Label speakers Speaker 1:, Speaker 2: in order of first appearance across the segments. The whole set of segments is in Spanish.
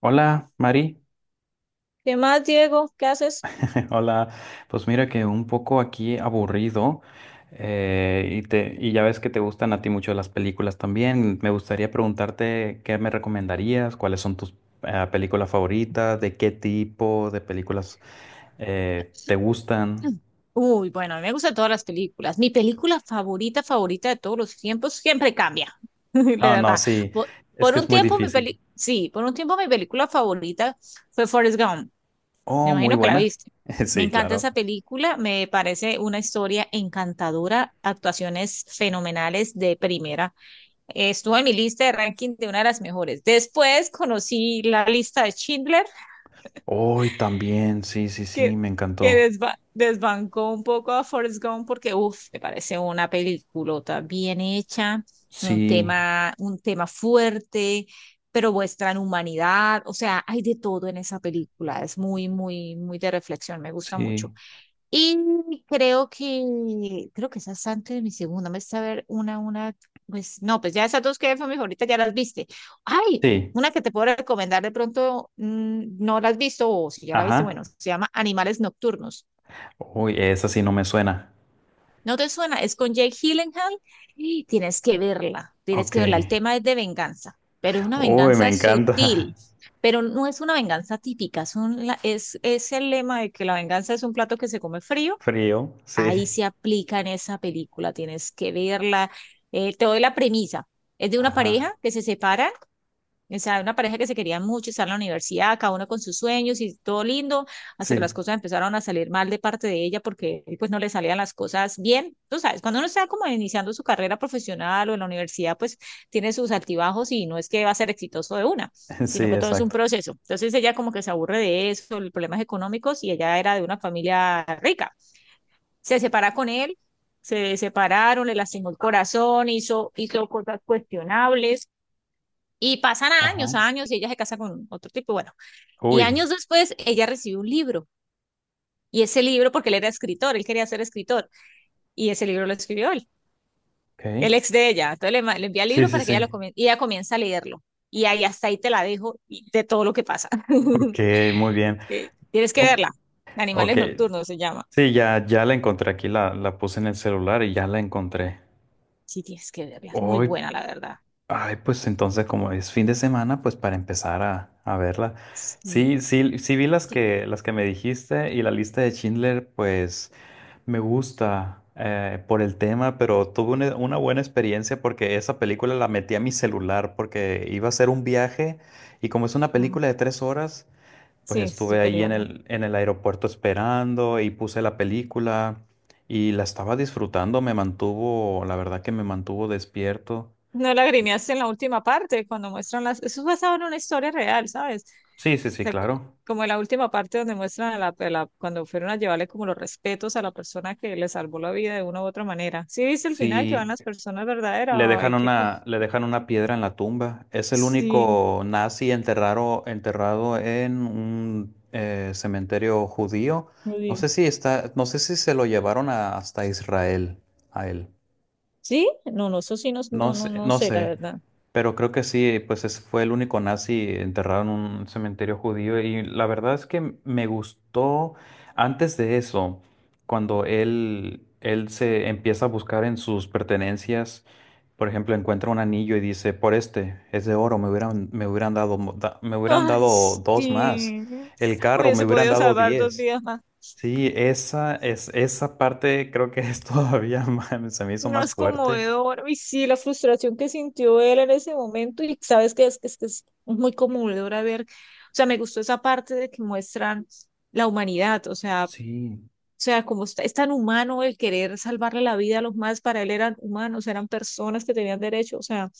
Speaker 1: Hola, Mari.
Speaker 2: ¿Qué más, Diego? ¿Qué haces?
Speaker 1: Hola. Pues mira que un poco aquí aburrido, y ya ves que te gustan a ti mucho las películas también. Me gustaría preguntarte qué me recomendarías, cuáles son tus películas favoritas, de qué tipo de películas te gustan.
Speaker 2: Uy, bueno, a mí me gustan todas las películas. Mi película favorita, favorita de todos los tiempos, siempre cambia, la
Speaker 1: Ah, no,
Speaker 2: verdad.
Speaker 1: sí.
Speaker 2: Por,
Speaker 1: Es
Speaker 2: por
Speaker 1: que
Speaker 2: un
Speaker 1: es muy
Speaker 2: tiempo mi peli,
Speaker 1: difícil.
Speaker 2: sí, por un tiempo mi película favorita fue Forrest Gump. Me
Speaker 1: Oh, muy
Speaker 2: imagino que la
Speaker 1: buena.
Speaker 2: viste. Me
Speaker 1: Sí,
Speaker 2: encanta
Speaker 1: claro.
Speaker 2: esa película, me parece una historia encantadora, actuaciones fenomenales de primera. Estuvo en mi lista de ranking de una de las mejores. Después conocí la lista de Schindler
Speaker 1: Hoy también. Sí, sí, sí.
Speaker 2: que,
Speaker 1: Me
Speaker 2: que
Speaker 1: encantó.
Speaker 2: desbancó un poco a Forrest Gump porque, uff, me parece una peliculota bien hecha,
Speaker 1: Sí,
Speaker 2: un tema fuerte, pero muestran humanidad, o sea, hay de todo en esa película, es muy, muy, muy de reflexión, me gusta mucho.
Speaker 1: sí,
Speaker 2: Y creo que esas antes de mi segunda, me está a ver pues no, pues ya esas dos que fue mi favorita, ya las viste. Ay,
Speaker 1: sí.
Speaker 2: una que te puedo recomendar de pronto, no la has visto o si ya la viste,
Speaker 1: Ajá.
Speaker 2: bueno, se llama Animales Nocturnos.
Speaker 1: Uy, esa sí no me suena.
Speaker 2: ¿No te suena? Es con Jake Gyllenhaal y tienes que verla, tienes
Speaker 1: Ok.
Speaker 2: que verla. El tema es de venganza, pero es una
Speaker 1: Uy, me
Speaker 2: venganza
Speaker 1: encanta.
Speaker 2: sutil, pero no es una venganza típica, es, es el lema de que la venganza es un plato que se come frío
Speaker 1: Frío, sí.
Speaker 2: ahí se aplica en esa película, tienes que verla. Te doy la premisa. Es de una
Speaker 1: Ajá.
Speaker 2: pareja que se separa, o sea, una pareja que se querían mucho, están en la universidad, cada uno con sus sueños y todo lindo, hasta que las
Speaker 1: Sí,
Speaker 2: cosas empezaron a salir mal de parte de ella porque pues no le salían las cosas bien. Tú sabes, cuando uno está como iniciando su carrera profesional o en la universidad, pues tiene sus altibajos y no es que va a ser exitoso de una,
Speaker 1: sí,
Speaker 2: sino que todo es un
Speaker 1: exacto.
Speaker 2: proceso. Entonces ella como que se aburre de eso, los problemas económicos y ella era de una familia rica, se separa con él, se separaron, le lastimó el corazón, hizo, hizo cosas cuestionables y pasan
Speaker 1: Ajá.
Speaker 2: años, años y ella se casa con otro tipo, bueno, y años
Speaker 1: Uy,
Speaker 2: después ella recibe un libro y ese libro, porque él era escritor, él quería ser escritor y ese libro lo escribió él, el
Speaker 1: ok.
Speaker 2: ex de ella, entonces le envía el
Speaker 1: Sí,
Speaker 2: libro
Speaker 1: sí,
Speaker 2: para que ella lo
Speaker 1: sí.
Speaker 2: comience y ella comienza a leerlo y ahí hasta ahí te la dejo y de todo lo que pasa.
Speaker 1: Ok, muy bien.
Speaker 2: Tienes que
Speaker 1: Oh,
Speaker 2: verla,
Speaker 1: ok.
Speaker 2: Animales Nocturnos se llama.
Speaker 1: Sí, ya, ya la encontré aquí, la puse en el celular y ya la encontré.
Speaker 2: Sí, tienes que verla, es muy
Speaker 1: Uy,
Speaker 2: buena la verdad.
Speaker 1: ay, pues entonces como es fin de semana, pues para empezar a verla. Sí,
Speaker 2: Sí.
Speaker 1: sí, sí vi las
Speaker 2: Sí.
Speaker 1: que, las que me dijiste y la lista de Schindler, pues. Me gusta, por el tema, pero tuve una buena experiencia porque esa película la metí a mi celular porque iba a hacer un viaje y como es una película de 3 horas, pues
Speaker 2: Sí, es
Speaker 1: estuve
Speaker 2: súper
Speaker 1: ahí en
Speaker 2: larga.
Speaker 1: el aeropuerto esperando y puse la película y la estaba disfrutando, me mantuvo, la verdad que me mantuvo despierto.
Speaker 2: No la grineaste en la última parte, cuando muestran las... Eso es basado en una historia real, ¿sabes?
Speaker 1: Sí, sí,
Speaker 2: O
Speaker 1: sí,
Speaker 2: sea,
Speaker 1: claro.
Speaker 2: como en la última parte donde muestran a la, cuando fueron a llevarle como los respetos a la persona que le salvó la vida de una u otra manera. ¿Sí viste el final que van
Speaker 1: Sí,
Speaker 2: las personas verdaderas?
Speaker 1: le
Speaker 2: Ay,
Speaker 1: dejan
Speaker 2: qué...
Speaker 1: una piedra en la tumba. Es el
Speaker 2: Sí,
Speaker 1: único nazi enterrado en un cementerio judío.
Speaker 2: no
Speaker 1: No
Speaker 2: digo.
Speaker 1: sé si está, no sé si se lo llevaron hasta Israel a él.
Speaker 2: ¿Sí? No, no, eso sí, no, no,
Speaker 1: No
Speaker 2: no
Speaker 1: sé,
Speaker 2: no
Speaker 1: no
Speaker 2: sé, la
Speaker 1: sé.
Speaker 2: verdad.
Speaker 1: Pero creo que sí, pues fue el único nazi enterrado en un cementerio judío. Y la verdad es que me gustó antes de eso, cuando él se empieza a buscar en sus pertenencias. Por ejemplo, encuentra un anillo y dice, por este, es de oro, me hubieran
Speaker 2: Ay,
Speaker 1: dado dos más.
Speaker 2: sí.
Speaker 1: El carro, me
Speaker 2: Hubiese
Speaker 1: hubieran
Speaker 2: podido
Speaker 1: dado
Speaker 2: salvar dos
Speaker 1: 10.
Speaker 2: vidas más.
Speaker 1: Sí, esa parte creo que es todavía más, se me hizo
Speaker 2: No
Speaker 1: más
Speaker 2: es
Speaker 1: fuerte.
Speaker 2: conmovedor. Y sí, la frustración que sintió él en ese momento, y sabes que es muy conmovedora ver, o sea, me gustó esa parte de que muestran la humanidad, o
Speaker 1: Sí,
Speaker 2: sea, como está, es tan humano el querer salvarle la vida a los más, para él eran humanos, eran personas que tenían derecho, o sea,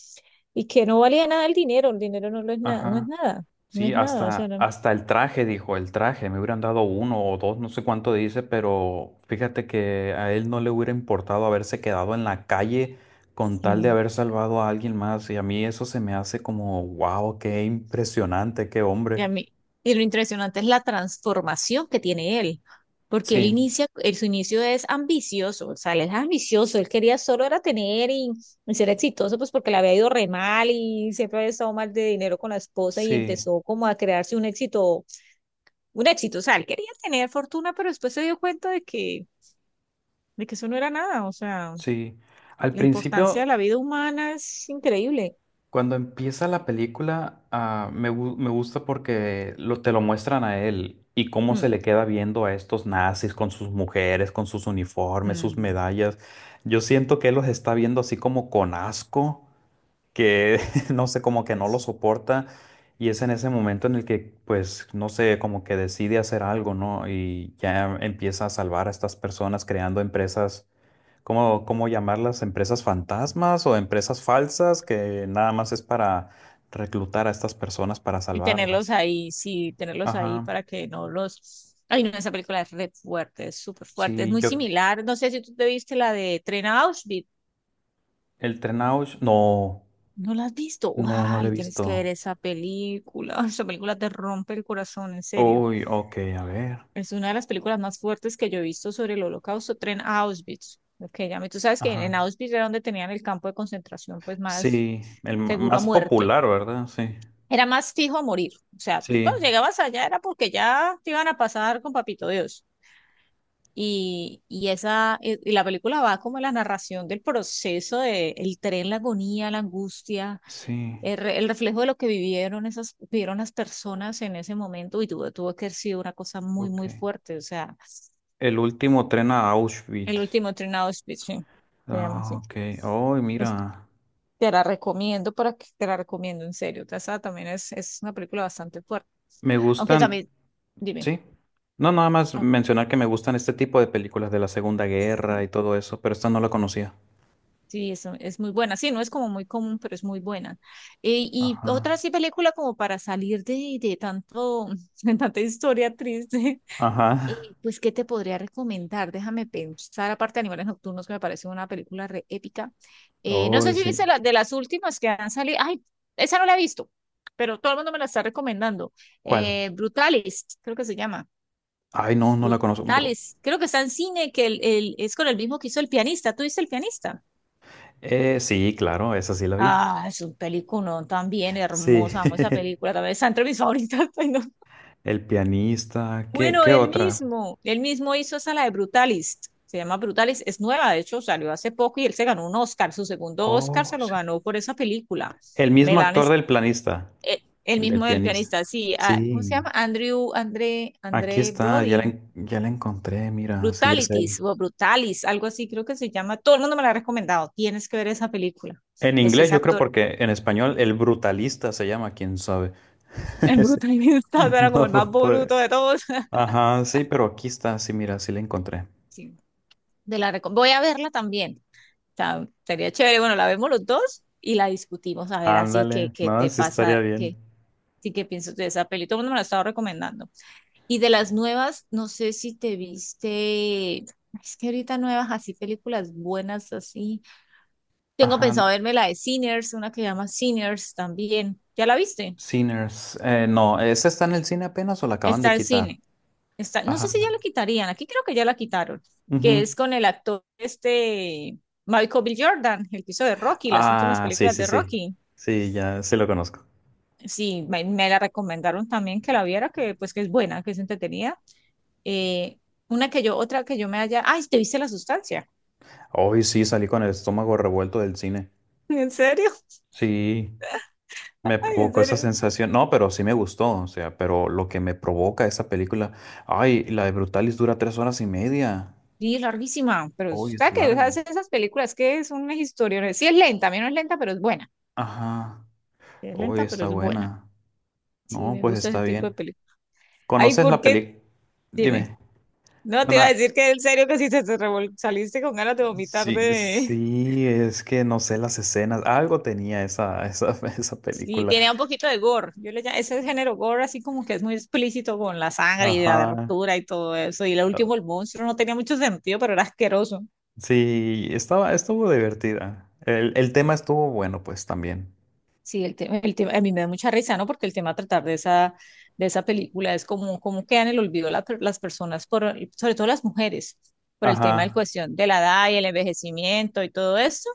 Speaker 2: y que no valía nada el dinero, el dinero no lo es nada, no es
Speaker 1: ajá.
Speaker 2: nada, no
Speaker 1: Sí,
Speaker 2: es nada, o sea,
Speaker 1: hasta, hasta el traje, dijo, el traje, me hubieran dado uno o dos, no sé cuánto dice, pero fíjate que a él no le hubiera importado haberse quedado en la calle con tal de
Speaker 2: sí.
Speaker 1: haber salvado a alguien más, y a mí eso se me hace como, wow, qué impresionante, qué
Speaker 2: Y, a
Speaker 1: hombre.
Speaker 2: mí- y lo impresionante es la transformación que tiene él, porque él
Speaker 1: Sí,
Speaker 2: inicia, él, su inicio es ambicioso, o sea, él es ambicioso, él quería solo era tener y ser exitoso, pues porque le había ido re mal y siempre había estado mal de dinero con la esposa y
Speaker 1: sí,
Speaker 2: empezó como a crearse un éxito, o sea, él quería tener fortuna, pero después se dio cuenta de que eso no era nada, o sea,
Speaker 1: sí. Al
Speaker 2: la importancia de
Speaker 1: principio,
Speaker 2: la vida humana es increíble.
Speaker 1: cuando empieza la película, ah, me gusta porque te lo muestran a él y cómo
Speaker 2: Mm,
Speaker 1: se le queda viendo a estos nazis con sus mujeres, con sus uniformes, sus
Speaker 2: mm.
Speaker 1: medallas. Yo siento que él los está viendo así como con asco, que no sé, como que no lo soporta. Y es en ese momento en el que, pues, no sé, como que decide hacer algo, ¿no? Y ya empieza a salvar a estas personas creando empresas. ¿Cómo llamarlas? ¿Empresas fantasmas o empresas falsas que nada más es para reclutar a estas personas para
Speaker 2: Y tenerlos
Speaker 1: salvarlas?
Speaker 2: ahí, sí, tenerlos ahí
Speaker 1: Ajá,
Speaker 2: para que no los... Ay, no, esa película es re fuerte, es súper fuerte, es
Speaker 1: sí,
Speaker 2: muy similar. No sé si tú te viste la de Tren a Auschwitz.
Speaker 1: el Trenaush, no,
Speaker 2: ¿No la has visto?
Speaker 1: no, no lo he
Speaker 2: ¡Ay, tienes que ver
Speaker 1: visto.
Speaker 2: esa película! Esa película te rompe el corazón, en serio.
Speaker 1: Uy, ok, a ver.
Speaker 2: Es una de las películas más fuertes que yo he visto sobre el holocausto, Tren a Auschwitz. Lo que llaman- Tú sabes que en
Speaker 1: Ajá.
Speaker 2: Auschwitz era donde tenían el campo de concentración, pues más
Speaker 1: Sí, el
Speaker 2: seguro a
Speaker 1: más
Speaker 2: muerte.
Speaker 1: popular, ¿verdad? Sí,
Speaker 2: Era más fijo a morir. O sea, tú
Speaker 1: sí,
Speaker 2: cuando llegabas allá era porque ya te iban a pasar con papito Dios. Y esa, y la película va como la narración del proceso de el tren, la agonía, la angustia,
Speaker 1: sí,
Speaker 2: el, el reflejo de lo que vivieron esas, vivieron las personas en ese momento y tuvo, tuvo que haber sido una cosa muy,
Speaker 1: ok.
Speaker 2: muy fuerte. O sea,
Speaker 1: El último tren a
Speaker 2: el
Speaker 1: Auschwitz.
Speaker 2: último tren a Auschwitz, sí, se llama
Speaker 1: Ah,
Speaker 2: así.
Speaker 1: ok, oh,
Speaker 2: Es-
Speaker 1: mira.
Speaker 2: Te la recomiendo para que te la recomiendo en serio. O sea, esa también es una película bastante fuerte.
Speaker 1: Me
Speaker 2: Aunque
Speaker 1: gustan.
Speaker 2: también, dime.
Speaker 1: Sí. No, nada más
Speaker 2: Ah,
Speaker 1: mencionar que me gustan este tipo de películas de la Segunda Guerra
Speaker 2: sí.
Speaker 1: y todo eso, pero esta no la conocía.
Speaker 2: Sí, eso es muy buena. Sí, no es como muy común, pero es muy buena. Y
Speaker 1: Ajá.
Speaker 2: otra sí película como para salir de tanto, de tanta historia triste.
Speaker 1: Ajá.
Speaker 2: Pues, ¿qué te podría recomendar? Déjame pensar, aparte de Animales Nocturnos, que me parece una película re épica. No sé
Speaker 1: Uy,
Speaker 2: si viste
Speaker 1: sí.
Speaker 2: la, de las últimas que han salido. Ay, esa no la he visto, pero todo el mundo me la está recomendando.
Speaker 1: ¿Cuál?
Speaker 2: Brutalist, creo que se llama.
Speaker 1: Ay, no, no la conozco, bro.
Speaker 2: Brutalist. Creo que está en cine, que el, es con el mismo que hizo El Pianista. ¿Tú viste El Pianista?
Speaker 1: Sí, claro, esa sí la vi.
Speaker 2: Ah, es un peliculón también
Speaker 1: Sí.
Speaker 2: hermosa, amo esa película, también está entre mis favoritas. Pues, no.
Speaker 1: El pianista. ¿Qué,
Speaker 2: Bueno,
Speaker 1: qué otra?
Speaker 2: él mismo hizo esa, la de Brutalist, se llama Brutalist, es nueva, de hecho salió hace poco y él se ganó un Oscar, su segundo Oscar se
Speaker 1: Oh,
Speaker 2: lo
Speaker 1: sí.
Speaker 2: ganó por esa película.
Speaker 1: El mismo
Speaker 2: Melan
Speaker 1: actor
Speaker 2: es
Speaker 1: del planista.
Speaker 2: el,
Speaker 1: El del
Speaker 2: mismo del
Speaker 1: pianista.
Speaker 2: pianista, sí, ah, ¿cómo se
Speaker 1: Sí.
Speaker 2: llama? Andrew, André,
Speaker 1: Aquí
Speaker 2: André
Speaker 1: está, ya la,
Speaker 2: Brody,
Speaker 1: en- ya la encontré, mira, sí es
Speaker 2: Brutalities
Speaker 1: él.
Speaker 2: o Brutalis, algo así creo que se llama, todo el mundo me la ha recomendado, tienes que ver esa película,
Speaker 1: En
Speaker 2: es
Speaker 1: inglés,
Speaker 2: ese
Speaker 1: yo creo,
Speaker 2: actor,
Speaker 1: porque en español el brutalista se llama, quién sabe.
Speaker 2: el
Speaker 1: Sí.
Speaker 2: brutalista, era como
Speaker 1: No,
Speaker 2: el más
Speaker 1: puede.
Speaker 2: bruto de todos.
Speaker 1: Ajá, sí, pero aquí está, sí, mira, sí la encontré.
Speaker 2: Sí, Voy a verla también. O sea, sería chévere. Bueno, la vemos los dos y la discutimos a ver así que
Speaker 1: Ándale,
Speaker 2: qué
Speaker 1: no,
Speaker 2: te
Speaker 1: sí estaría
Speaker 2: pasa, qué
Speaker 1: bien.
Speaker 2: sí que piensas de esa peli. Todo el mundo me la estaba recomendando. Y de las nuevas, no sé si te viste. Es que ahorita nuevas, así películas buenas, así. Tengo
Speaker 1: Ajá, no.
Speaker 2: pensado verme la de Sinners, una que se llama Sinners también. ¿Ya la viste?
Speaker 1: Sinners. No, ¿esa está en el cine apenas o la acaban de
Speaker 2: Está en
Speaker 1: quitar?
Speaker 2: cine. Está, no sé
Speaker 1: Ajá.
Speaker 2: si ya lo quitarían, aquí creo que ya la quitaron, que
Speaker 1: Ujú.
Speaker 2: es con el actor este Michael B. Jordan, el que hizo de Rocky, las últimas
Speaker 1: Ah, sí,
Speaker 2: películas
Speaker 1: sí,
Speaker 2: de
Speaker 1: sí.
Speaker 2: Rocky.
Speaker 1: Sí, ya sí lo conozco.
Speaker 2: Sí, me la recomendaron también que la viera, que pues que es buena, que es entretenida. Eh, una que yo, otra que yo me haya, ay, ¿te viste La Sustancia?
Speaker 1: Hoy sí salí con el estómago revuelto del cine.
Speaker 2: ¿En serio?
Speaker 1: Sí. Me
Speaker 2: Ay, ¿en
Speaker 1: provocó esa
Speaker 2: serio?
Speaker 1: sensación, no, pero sí me gustó, o sea, pero lo que me provoca esa película, ay, la de Brutalis dura 3 horas y media,
Speaker 2: Sí, larguísima, pero
Speaker 1: hoy es
Speaker 2: sabes que
Speaker 1: larga,
Speaker 2: esas, esas películas que es una historia, sí es lenta, a mí no es lenta, pero es buena.
Speaker 1: ajá,
Speaker 2: Sí es
Speaker 1: hoy
Speaker 2: lenta, pero
Speaker 1: está
Speaker 2: es buena.
Speaker 1: buena,
Speaker 2: Sí,
Speaker 1: no,
Speaker 2: me
Speaker 1: pues
Speaker 2: gusta ese
Speaker 1: está
Speaker 2: tipo de
Speaker 1: bien.
Speaker 2: películas. Ay,
Speaker 1: ¿Conoces
Speaker 2: ¿por
Speaker 1: la
Speaker 2: qué?
Speaker 1: película?
Speaker 2: Dime.
Speaker 1: Dime,
Speaker 2: No, te iba a
Speaker 1: una,
Speaker 2: decir que en serio que si te, saliste con ganas de vomitar
Speaker 1: sí,
Speaker 2: de...
Speaker 1: sí, es que no sé las escenas, algo tenía esa, esa
Speaker 2: Sí,
Speaker 1: película,
Speaker 2: tiene un poquito de gore. Yo le llamo, ese género gore así como que es muy explícito con la sangre y la
Speaker 1: ajá,
Speaker 2: abertura y todo eso. Y lo último,
Speaker 1: ah,
Speaker 2: el monstruo, no tenía mucho sentido, pero era asqueroso.
Speaker 1: sí, estuvo divertida, el tema estuvo bueno, pues también,
Speaker 2: Sí, el tema, a mí me da mucha risa, ¿no? Porque el tema a tratar de esa película es como, como quedan en el olvido las personas, por, sobre todo las mujeres, por el tema en
Speaker 1: ajá.
Speaker 2: cuestión de la edad y el envejecimiento y todo esto.